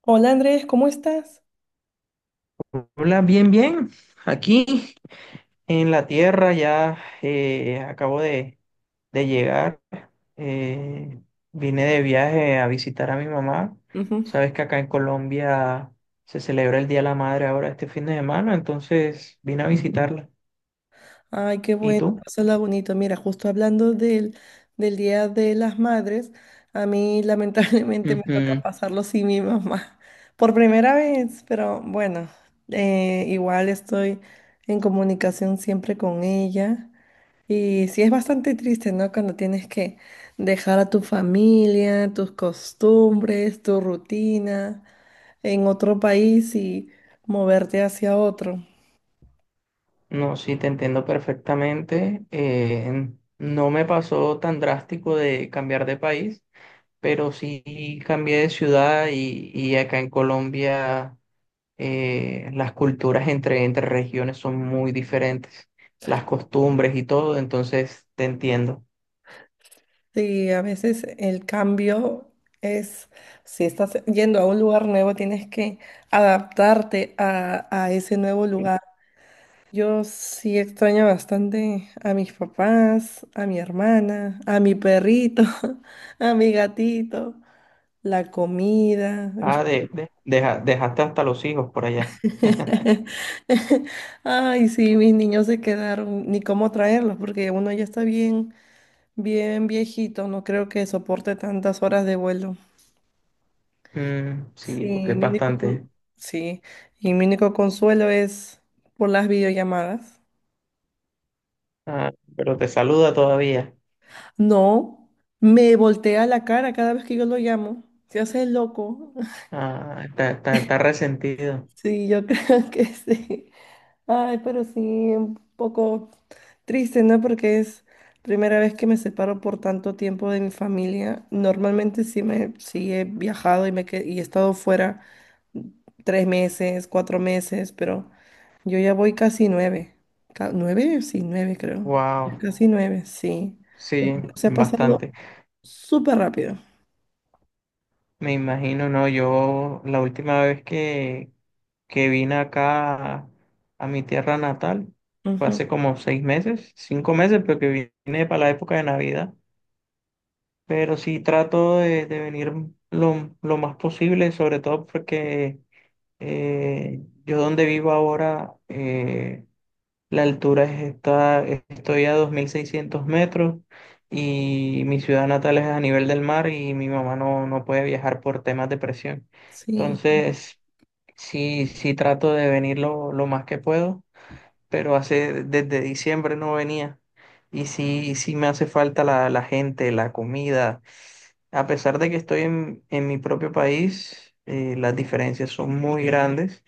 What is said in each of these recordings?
Hola Andrés, ¿cómo estás? Hola, bien, bien. Aquí en la tierra ya acabo de llegar. eh, Vine de viaje a visitar a mi mamá. Ujú. Sabes que acá en Colombia se celebra el Día de la Madre ahora este fin de semana, entonces vine a visitarla. Ay, qué ¿Y bueno, tú? pásala bonito. Mira, justo hablando del Día de las Madres, a mí lamentablemente me toca Ujú. pasarlo sin mi mamá por primera vez, pero bueno, igual estoy en comunicación siempre con ella. Y sí es bastante triste, ¿no? Cuando tienes que dejar a tu familia, tus costumbres, tu rutina en otro país y moverte hacia otro. No, sí, te entiendo perfectamente. No me pasó tan drástico de cambiar de país, pero sí cambié de ciudad y acá en Colombia. Las culturas entre regiones son muy diferentes, las costumbres y todo, entonces te entiendo. Sí, a veces el cambio es, si estás yendo a un lugar nuevo, tienes que adaptarte a ese nuevo lugar. Yo sí extraño bastante a mis papás, a mi hermana, a mi perrito, a mi gatito, la comida. Yo- Ah, dejaste hasta los hijos por allá. Ay, sí, mis niños se quedaron, ni cómo traerlos, porque uno ya está bien, bien viejito, no creo que soporte tantas horas de vuelo. Mm, sí, porque Sí, es mi único, con- bastante. sí, y mi único consuelo es por las videollamadas. Ah, pero te saluda todavía. No, me voltea la cara cada vez que yo lo llamo. Se hace el loco. Ah, está resentido. Sí, yo creo que sí. Ay, pero sí, un poco. Triste, ¿no? Porque es primera vez que me separo por tanto tiempo de mi familia. Normalmente sí me sí he viajado y me que- y he estado fuera tres meses, cuatro meses, pero yo ya voy casi nueve. Ca- ¿Nueve? Sí, nueve creo. Ya Wow, casi nueve, sí. El sí, tiempo se ha pasado bastante. súper rápido. Me imagino, no, yo la última vez que vine acá a mi tierra natal fue Ujú. hace como 6 meses, 5 meses, pero que vine para la época de Navidad. Pero sí trato de venir lo más posible, sobre todo porque yo donde vivo ahora, la altura estoy a 2.600 metros y mi ciudad natal es a nivel del mar y mi mamá no, no puede viajar por temas de presión. Sí. Entonces, sí, sí trato de venir lo más que puedo, pero hace, desde diciembre no venía. Y sí, sí me hace falta la, la gente, la comida. A pesar de que estoy en mi propio país, las diferencias son muy grandes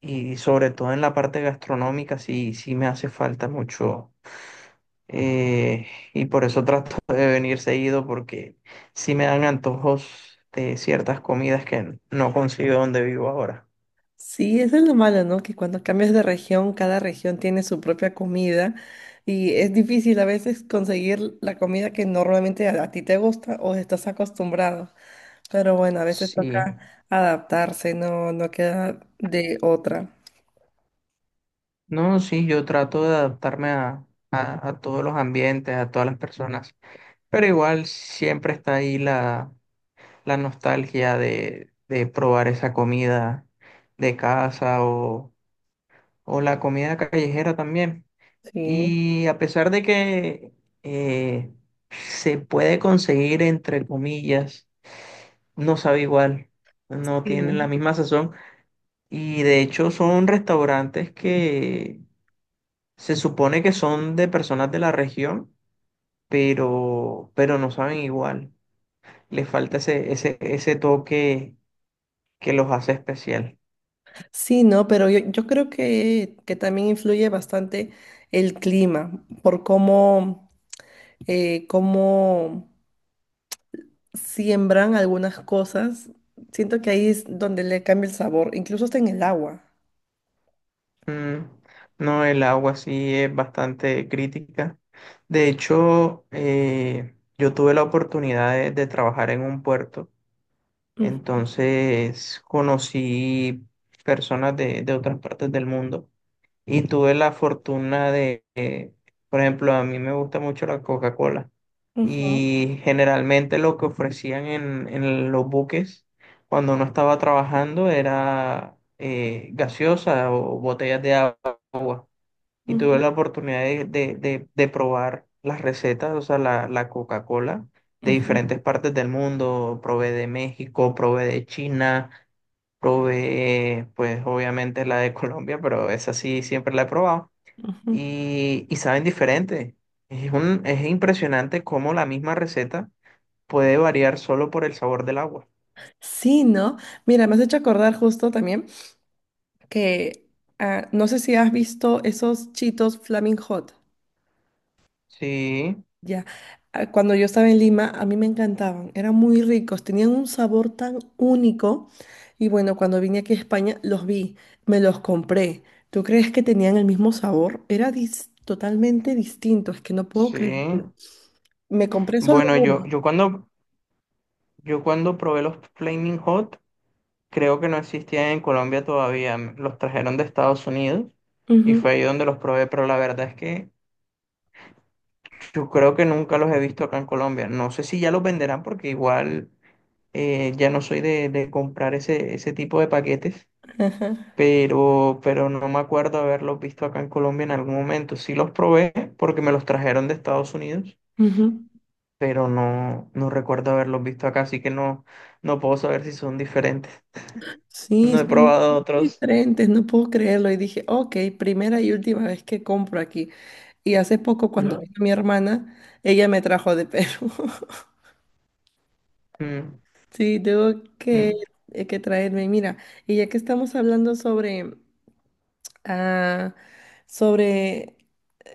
y sobre todo en la parte gastronómica sí, sí me hace falta mucho eh, y por eso trato de venir seguido porque sí me dan antojos de ciertas comidas que no consigo donde vivo ahora. Sí, eso es lo malo, ¿no? Que cuando cambias de región, cada región tiene su propia comida y es difícil a veces conseguir la comida que normalmente a ti te gusta o estás acostumbrado. Pero bueno, a veces toca Sí, adaptarse, no, no queda de otra. no, sí, yo trato de adaptarme a todos los ambientes, a todas las personas, pero igual siempre está ahí la, la nostalgia de probar esa comida de casa o la comida callejera también. Sí. Y a pesar de que eh, se puede conseguir, entre comillas, no sabe igual, no Sí, tienen la ¿no? misma sazón. Y de hecho son restaurantes que se supone que son de personas de la región, pero no saben igual. Les falta ese toque que los hace especial. Sí, no, pero yo creo que también influye bastante el clima, por cómo, cómo siembran algunas cosas, siento que ahí es donde le cambia el sabor, incluso hasta en el agua. Mm, no, el agua sí es bastante crítica. De hecho, yo tuve la oportunidad de trabajar en un puerto, Ujú, entonces conocí personas de otras partes del mundo. Y tuve la fortuna de, por ejemplo, a mí me gusta mucho la Coca-Cola. ujú, Y generalmente lo que ofrecían en los buques cuando uno estaba trabajando era gaseosa o botellas de agua. Y tuve ujú, la oportunidad de, de probar las recetas, o sea, la, la Coca-Cola de ujú, diferentes partes del mundo. Probé de México, probé de China, probé, pues obviamente la de Colombia, pero esa sí siempre la he probado ujú. Y saben diferente. Es es impresionante cómo la misma receta puede variar solo por el sabor del agua. Sí, ¿no? Mira, me has hecho acordar justo también que ah, no sé si has visto esos chitos Flaming Hot. Sí, Ya, ah, cuando yo estaba en Lima, a mí me encantaban, eran muy ricos, tenían un sabor tan único. Y bueno, cuando vine aquí a España, los vi, me los compré. ¿Tú crees que tenían el mismo sabor? Era dis- totalmente distinto, es que no puedo creer. sí. Me compré solo Bueno, uno. Yo cuando probé los Flaming Hot, creo que no existían en Colombia todavía. Los trajeron de Estados Unidos y fue Ujú, ahí donde los probé, pero la verdad es que yo creo que nunca los he visto acá en Colombia. No sé si ya los venderán porque igual ya no soy de comprar ese tipo de paquetes. ajá, Pero no me acuerdo haberlos visto acá en Colombia en algún momento. Sí los probé porque me los trajeron de Estados Unidos, ujú. pero no, no recuerdo haberlos visto acá, así que no, no puedo saber si son diferentes. Sí, No he son probado otros. diferentes, no puedo creerlo. Y dije, ok, primera y última vez que compro aquí. Y hace poco, cuando No. vino mi hermana, ella me trajo de Perú. Mm, Sí, tengo que, mm, que traerme. Mira, y ya que estamos hablando sobre, ah, sobre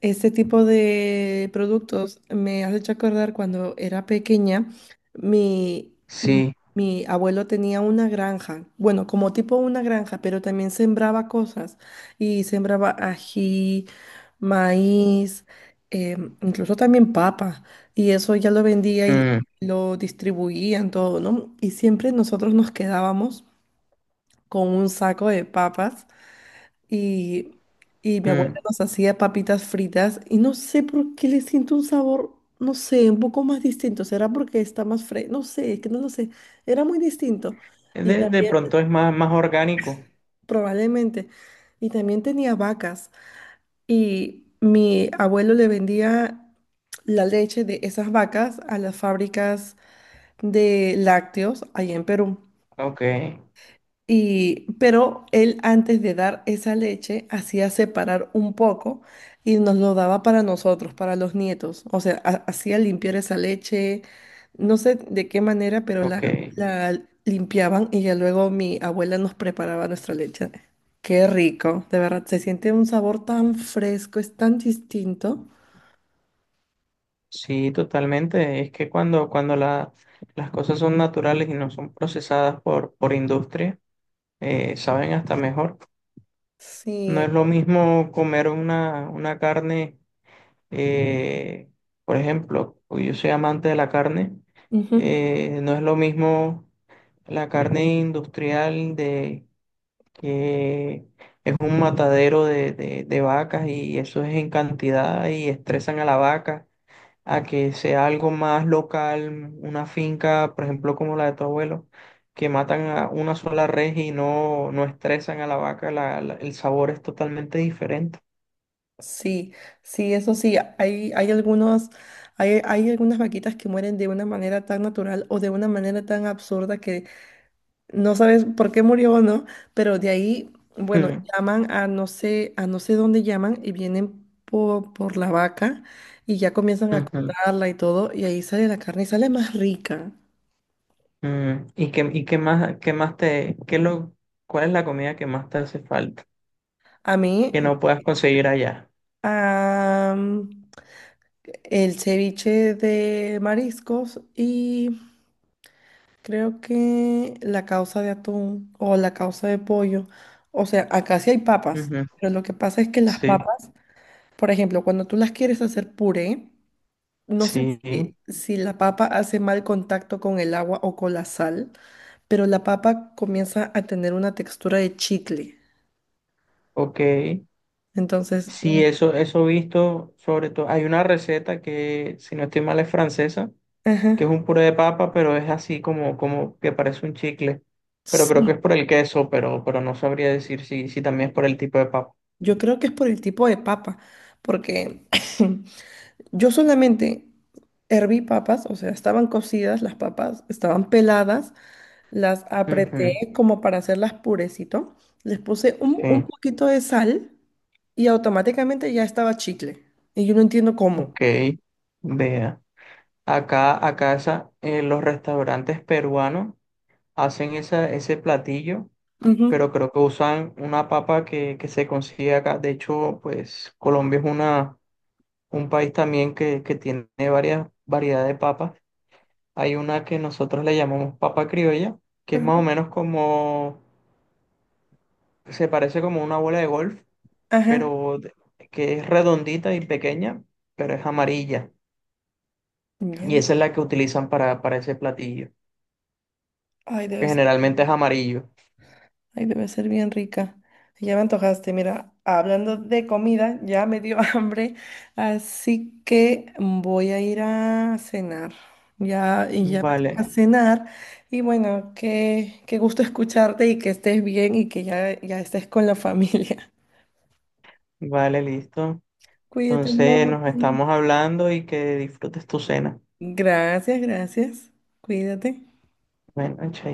este tipo de productos me has hecho acordar cuando era pequeña, mi, mi, sí. mi abuelo tenía una granja, bueno, como tipo una granja, pero también sembraba cosas y sembraba ají, maíz, eh, incluso también papa, y eso ya lo vendía y Mm, lo distribuían todo, ¿no? Y siempre nosotros nos quedábamos con un saco de papas y, y mi abuela mm. nos hacía papitas fritas y no sé por qué le siento un sabor, no sé, un poco más distinto. ¿Será porque está más fresco? No sé, es que no lo sé. Era muy distinto. Y De también, pronto es más, más orgánico. probablemente, y también tenía vacas. Y mi abuelo le vendía la leche de esas vacas a las fábricas de lácteos allá en Perú. Ok, Y, pero él antes de dar esa leche hacía separar un poco y nos lo daba para nosotros, para los nietos. O sea, ha- hacía limpiar esa leche, no sé de qué manera, pero la, ok. la limpiaban y ya luego mi abuela nos preparaba nuestra leche. Qué rico, de verdad, se siente un sabor tan fresco, es tan distinto. Sí, totalmente. Es que cuando las cosas son naturales y no son procesadas por industria, saben hasta mejor. No Sí. es lo mismo comer una carne, eh, por ejemplo, pues yo soy amante de la carne, Ujú. No es lo mismo la carne industrial de que es un matadero de, de vacas y eso es en cantidad y estresan a la vaca, a que sea algo más local, una finca, por ejemplo, como la de tu abuelo, que matan a una sola res y no, no estresan a la vaca, el sabor es totalmente diferente. Sí, sí, eso sí, hay algunos, hay algunas vaquitas que mueren de una manera tan natural o de una manera tan absurda que no sabes por qué murió o no, pero de ahí, bueno, Mm, llaman a no sé dónde llaman y vienen po- por, la vaca y ya comienzan a ujú, cortarla y todo, y ahí sale la carne y sale más rica. mm. Y qué más, cuál es la comida que más te hace falta, A mí, que no puedas conseguir allá? am, el ceviche de mariscos y creo que la causa de atún o la causa de pollo, o sea, acá sí hay papas, Ujú, pero lo que pasa es que las sí, papas, por ejemplo, cuando tú las quieres hacer puré, no sé sí, si, si la papa hace mal contacto con el agua o con la sal, pero la papa comienza a tener una textura de chicle. ok. Entonces, Sí, mm. eso he visto, sobre todo, hay una receta que, si no estoy mal, es francesa, que es Ajá, un puré de papa, pero es así como, como que parece un chicle. Pero creo que sí, es por el queso, pero no sabría decir si, si también es por el tipo de papa. yo creo que es por el tipo de papa, porque yo solamente herví papas, o sea, estaban cocidas las papas, estaban peladas, las apreté Ujú, como para hacerlas purecito, les puse un sí, poquito de sal y automáticamente ya estaba chicle. Y yo no entiendo cómo. ok, vea. Acá los restaurantes peruanos hacen esa, ese platillo, Ujú, pero creo que usan una papa que se consigue acá. De hecho, pues Colombia es una, un país también que tiene varias variedades de papas. Hay una que nosotros le llamamos papa criolla, que es más o ujú, menos como, se parece como una bola de golf, ajá. pero de- que es redondita y pequeña, pero es amarilla. Ya. Y esa es la que utilizan para ese platillo, Ay, que debe ser. generalmente es amarillo. Ay, debe ser bien rica. Sí, ya me antojaste. Mira, hablando de comida, ya me dio hambre, así que voy a ir a cenar. Ya, y ya me toca Vale, cenar. Y bueno, qué, qué gusto escucharte y que estés bien y que ya, ya estés con la familia. vale, listo. Cuídate Entonces mucho. nos estamos hablando y que disfrutes tu cena. Gracias, gracias. Cuídate. Bueno, chao.